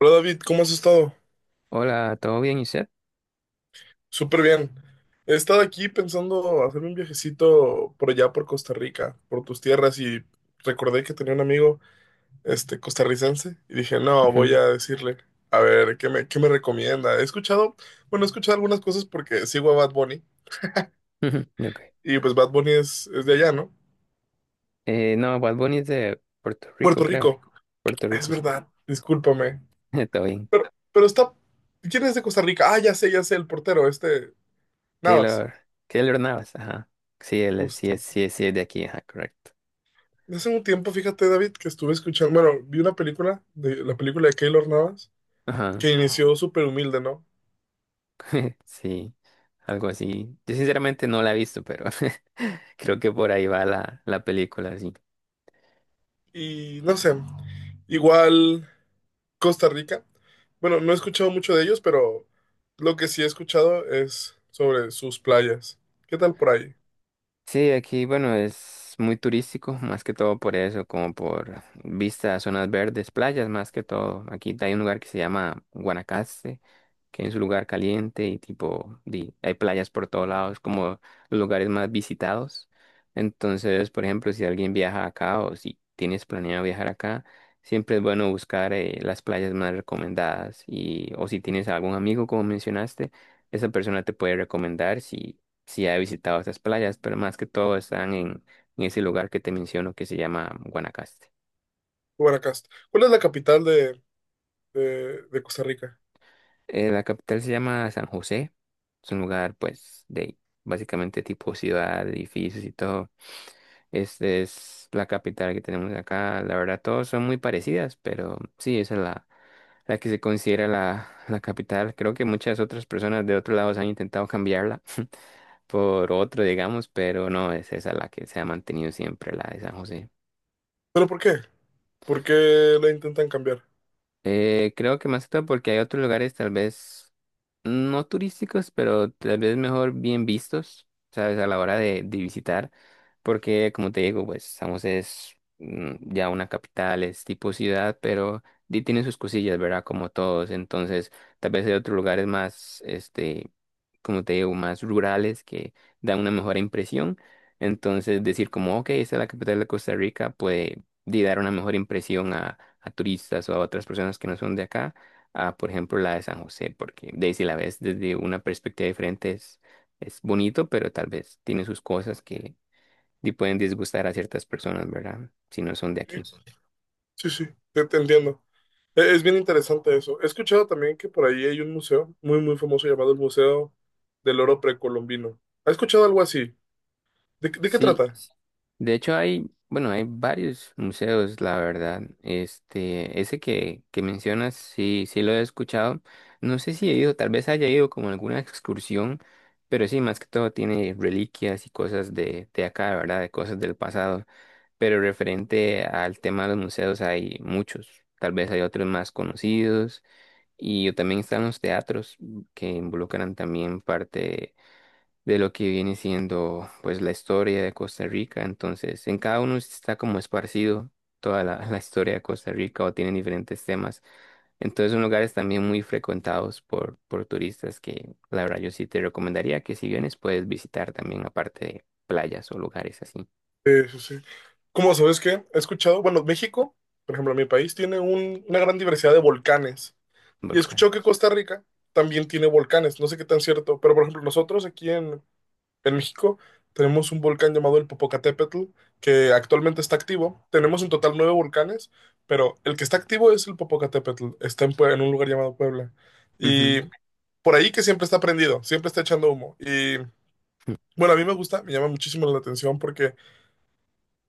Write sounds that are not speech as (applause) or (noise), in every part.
Hola David, ¿cómo has estado? Hola, ¿todo bien, Iset? Súper bien. He estado aquí pensando hacerme un viajecito por allá por Costa Rica, por tus tierras y recordé que tenía un amigo este costarricense y dije, "No, voy Ujú. a decirle, a ver, ¿qué me recomienda?" He escuchado, bueno, he escuchado algunas cosas porque sigo a Bad Bunny (laughs) Ujú, ok. y pues Bad Bunny es de allá, ¿no? No, Bad Bunny es de Puerto Rico, Puerto creo. Rico. Puerto Es Rico, sí. verdad. Discúlpame. (laughs) Todo bien. Pero pero está ¿Quién es de Costa Rica? Ah, ya sé, el portero, este Navas. Keylor, Keylor Navas, ajá. Sí, él es- sí, Justo. es- sí, es- sí, es de aquí, ajá, correcto. Hace un tiempo, fíjate, David, que estuve escuchando, bueno, vi una película, de, la película de Keylor Navas, Ajá, que inició súper humilde, ¿no? (laughs) sí, algo así. Yo sinceramente no la he visto, pero (laughs) creo que por ahí va la película, sí. Y no sé, igual Costa Rica. Bueno, no he escuchado mucho de ellos, pero lo que sí he escuchado es sobre sus playas. ¿Qué tal por ahí? Sí, aquí, bueno, es muy turístico, más que todo por eso, como por vistas, a zonas verdes, playas, más que todo. Aquí hay un lugar que se llama Guanacaste, que es un lugar caliente y tipo, hay playas por todos lados, como los lugares más visitados. Entonces, por ejemplo, si alguien viaja acá o si tienes planeado viajar acá, siempre es bueno buscar las playas más recomendadas, y o si tienes algún amigo, como mencionaste, esa persona te puede recomendar si ha visitado esas playas, pero más que todo están en ese lugar que te menciono que se llama Guanacaste. Guanacaste. ¿Cuál es la capital de Costa Rica? La capital se llama San José. Es un lugar, pues, de básicamente tipo ciudad, edificios y todo. Es la capital que tenemos acá. La verdad, todos son muy parecidas, pero sí, esa es la que se considera la capital. Creo que muchas otras personas de otros lados han intentado cambiarla (laughs) por otro, digamos, pero no, es esa la que se ha mantenido siempre, la de San José. ¿Pero por qué? ¿Por qué la intentan cambiar? Creo que más que todo porque hay otros lugares, tal vez no turísticos, pero tal vez mejor bien vistos, ¿sabes? A la hora de visitar, porque como te digo, pues San José es ya una capital, es tipo ciudad, pero tiene sus cosillas, ¿verdad? Como todos, entonces tal vez hay otros lugares más, como te digo, más rurales que dan una mejor impresión. Entonces decir como, ok, esta es la capital de Costa Rica, puede dar una mejor impresión a turistas o a otras personas que no son de acá a, por ejemplo, la de San José, porque de ahí, si la ves desde una perspectiva diferente, es bonito, pero tal vez tiene sus cosas que pueden disgustar a ciertas personas, ¿verdad? Si no son de aquí. Sí, sí, te entiendo. Es bien interesante eso. He escuchado también que por ahí hay un museo muy, muy famoso llamado el Museo del Oro Precolombino. ¿Ha escuchado algo así? ¿De qué Sí, trata? de hecho hay, bueno, hay varios museos, la verdad. Este, ese que mencionas, sí, sí lo he escuchado. No sé si he ido, tal vez haya ido como en alguna excursión, pero sí, más que todo tiene reliquias y cosas de acá, ¿verdad? De cosas del pasado. Pero referente al tema de los museos hay muchos, tal vez hay otros más conocidos, y yo también están los teatros, que involucran también parte de lo que viene siendo pues la historia de Costa Rica. Entonces en cada uno está como esparcido toda (laughs) la historia de Costa Rica, o tienen diferentes temas. Entonces son lugares también muy frecuentados por turistas, que la verdad yo sí te recomendaría que si vienes puedes visitar también aparte de playas o lugares así, Sí, sí. ¿Cómo sabes qué? He escuchado, bueno, México, por ejemplo, mi país tiene una gran diversidad de volcanes. Y he escuchado que volcanes. Costa Rica también tiene volcanes. No sé qué tan cierto, pero por ejemplo, nosotros aquí en México tenemos un volcán llamado el Popocatépetl, que actualmente está activo. Tenemos en total nueve volcanes, pero el que está activo es el Popocatépetl. Está en, en un lugar llamado Puebla. Y Ujú. por ahí que siempre está prendido, siempre está echando humo. Y bueno, a mí me gusta, me llama muchísimo la atención porque,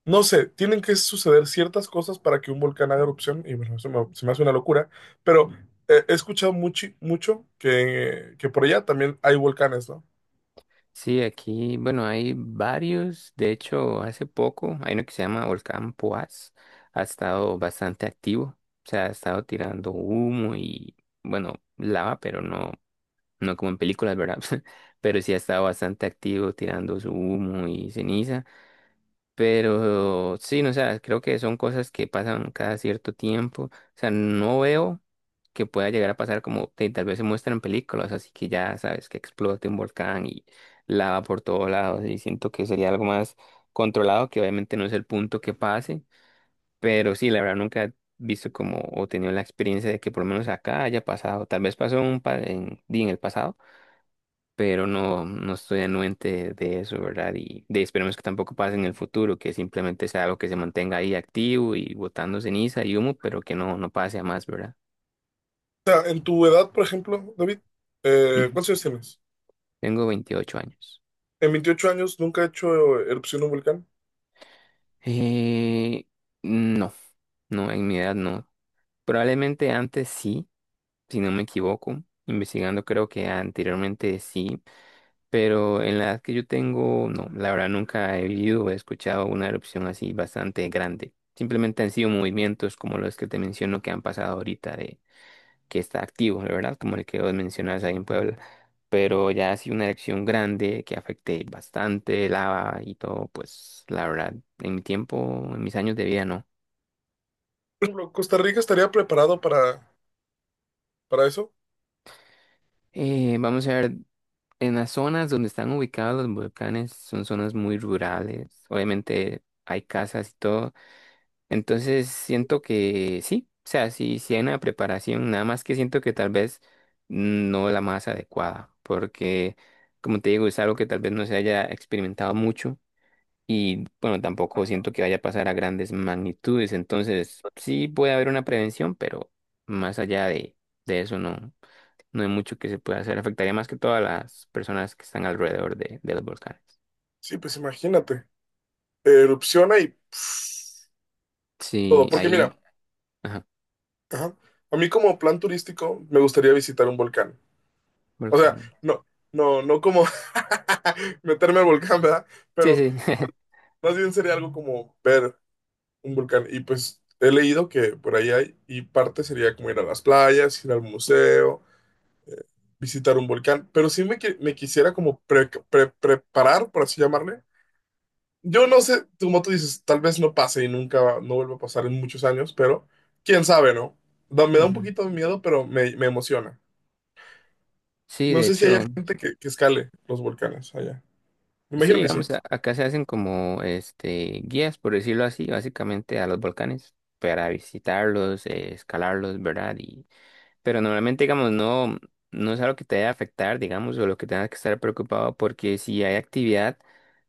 no sé, tienen que suceder ciertas cosas para que un volcán haga erupción. Y bueno, eso se me hace una locura. Pero he escuchado mucho, mucho que por allá también hay volcanes, ¿no? Sí, aquí, bueno, hay varios. De hecho, hace poco hay uno que se llama Volcán Poás. Ha estado bastante activo. O sea, ha estado tirando humo bueno, lava, pero no, no como en películas, ¿verdad? (laughs) Pero sí ha estado bastante activo tirando su humo y ceniza. Pero sí, no, o sea, creo que son cosas que pasan cada cierto tiempo. O sea, no veo que pueda llegar a pasar como tal vez se muestran películas, así que ya sabes que explote un volcán y lava por todos lados. Y siento que sería algo más controlado, que obviamente no es el punto que pase. Pero sí, la verdad nunca he visto como o tenido la experiencia de que por lo menos acá haya pasado. Tal vez pasó en un en el pasado, pero no, no estoy anuente de eso, ¿verdad? Y esperemos que tampoco pase en el futuro, que simplemente sea algo que se mantenga ahí activo y botando ceniza y humo, pero que no, no pase a más, ¿verdad? sea, en tu edad, por ejemplo, David, Ujú. ¿cuántos años tienes? Tengo 28 años. En 28 años nunca he hecho erupción de un volcán. Eh, no, no, en mi edad no. Probablemente antes sí, si no me equivoco. Investigando creo que anteriormente sí, pero en la edad que yo tengo, no, la verdad nunca he vivido o he escuchado una erupción así bastante grande. Simplemente han sido movimientos como los que te menciono que han pasado ahorita de que está activo, la verdad, como el que vos mencionas ahí en Puebla. Pero ya así una erupción grande que afecte bastante lava y todo, pues la verdad, en mi tiempo, en mis años de vida, no. Por ejemplo, ¿Costa Rica estaría preparado para eso? Vamos a ver, en las zonas donde están ubicados los volcanes son zonas muy rurales. Obviamente hay casas y todo. Entonces siento que sí, o sea, sí, sí hay una preparación, nada más que siento que tal vez no la más adecuada, porque como te digo, es algo que tal vez no se haya experimentado mucho, y bueno, tampoco siento que vaya a pasar a grandes magnitudes. Entonces sí puede haber una prevención, pero más allá de eso no, no hay mucho que se pueda hacer. Afectaría más que todas las personas que están alrededor de los volcanes. Sí, pues imagínate. Erupciona y pff, todo. Sí, Porque ahí, mira, ajá, ajá, a mí como plan turístico me gustaría visitar un volcán. O sea, volcán. no, no, no como (laughs) meterme al volcán, ¿verdad? Sí, Pero sí. (laughs) más bien sería algo como ver un volcán. Y pues he leído que por ahí hay, y parte sería como ir a las playas, ir al museo visitar un volcán, pero sí me quisiera como preparar, por así llamarle. Yo no sé, como tú dices, tal vez no pase y nunca, no vuelva a pasar en muchos años, pero quién sabe, ¿no? Me da un Ujú. poquito de miedo, pero me emociona. Sí, No de sé si hay hecho. gente que escale los volcanes allá. Me Sí, imagino que sí. digamos, acá se hacen como este guías, por decirlo así, básicamente a los volcanes para visitarlos, escalarlos, ¿verdad? Pero normalmente, digamos, no, no es algo que te vaya a afectar, digamos, o lo que tengas que estar preocupado, porque si hay actividad,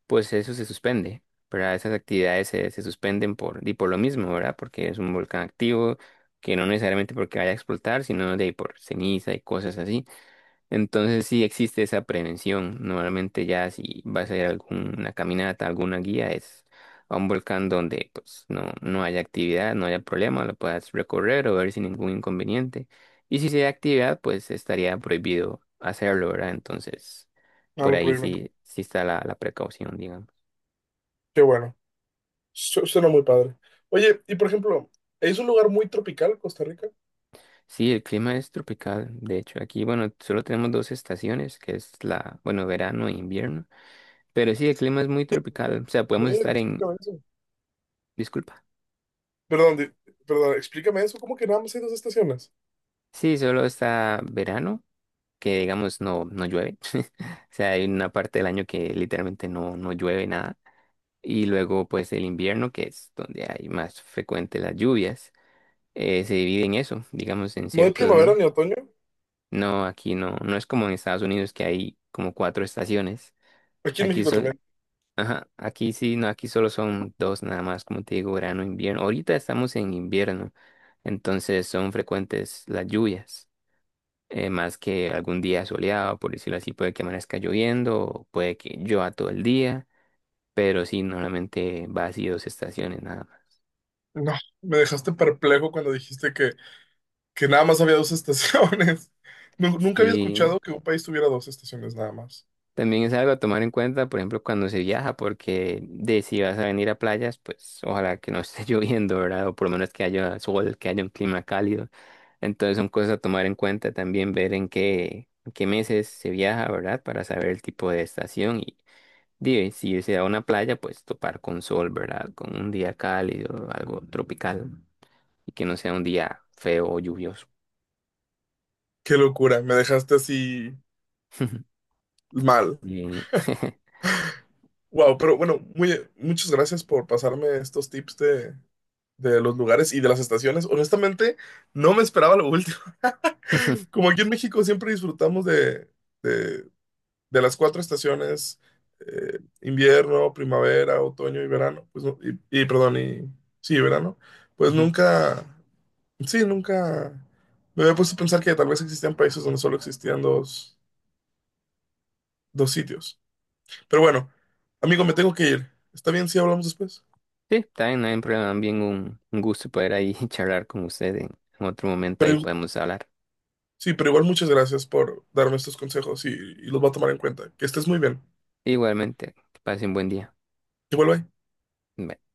pues eso se suspende, ¿verdad? Esas actividades se suspenden y por lo mismo, ¿verdad? Porque es un volcán activo, que no necesariamente porque vaya a explotar, sino de ahí por ceniza y cosas así. Entonces sí existe esa prevención. Normalmente ya si vas a ir a alguna caminata, alguna guía, es a un volcán donde pues no, no haya actividad, no haya problema, lo puedas recorrer o ver sin ningún inconveniente. Y si sí hay actividad, pues estaría prohibido hacerlo, ¿verdad? Entonces, No por lo ahí prohíben. sí, sí está la precaución, digamos. Qué bueno. Suena muy padre. Oye, y por ejemplo, ¿es un lugar muy tropical, Costa Rica? Sí, el clima es tropical. De hecho, aquí, bueno, solo tenemos dos estaciones, que es bueno, verano e invierno. Pero sí, el clima es muy tropical. O sea, A podemos ver, estar en... explícame eso. Disculpa. Perdón, perdón, explícame eso. ¿Cómo que nada más hay dos estaciones? Sí, solo está verano, que digamos no, no llueve. (laughs) O sea, hay una parte del año que literalmente no, no llueve nada. Y luego pues el invierno, que es donde hay más frecuente las lluvias. Se divide en eso, digamos en ¿No hay ciertos... primavera me- ni otoño? No, aquí no, no es como en Estados Unidos que hay como cuatro estaciones. Aquí en Aquí México sol, también. ajá, aquí sí, no, aquí solo son dos nada más, como te digo, verano, invierno. Ahorita estamos en invierno, entonces son frecuentes las lluvias. Más que algún día soleado, por decirlo así, puede que amanezca lloviendo, o puede que llueva todo el día, pero sí, normalmente va así dos estaciones nada más. No, me dejaste perplejo cuando dijiste que nada más había dos estaciones. (laughs) Nunca había escuchado Sí, que un país tuviera dos estaciones nada más. también es algo a tomar en cuenta, por ejemplo, cuando se viaja, porque de si vas a venir a playas, pues ojalá que no esté (laughs) lloviendo, ¿verdad? O por lo menos que haya sol, que haya un clima cálido. Entonces son cosas a tomar en cuenta también, ver en qué meses se viaja, ¿verdad? Para saber el tipo de estación. Dime, si irse a una playa, pues topar con sol, ¿verdad? Con un día cálido, algo tropical, y que no sea un día feo o lluvioso. Qué locura, me dejaste así (laughs) mal. Y- Wow, pero bueno, muchas gracias por pasarme estos tips de los lugares y de las estaciones. Honestamente, no me esperaba lo último. (laughs) (laughs) Como aquí en México siempre disfrutamos de, de de las cuatro estaciones, invierno, primavera, otoño y verano, pues, perdón, y sí, verano, pues Ujú. nunca, sí, nunca me había puesto a pensar que tal vez existían países donde solo existían dos, sitios. Pero bueno, amigo, me tengo que ir. ¿Está bien si hablamos después? Sí, también no hay problema, también un gusto poder ahí (laughs) charlar con usted en otro momento, Pero, ahí podemos hablar. sí, pero igual muchas gracias por darme estos consejos y los voy a tomar en cuenta. Que estés muy bien. Igualmente, que pase un buen día. Que vuelva. Bye.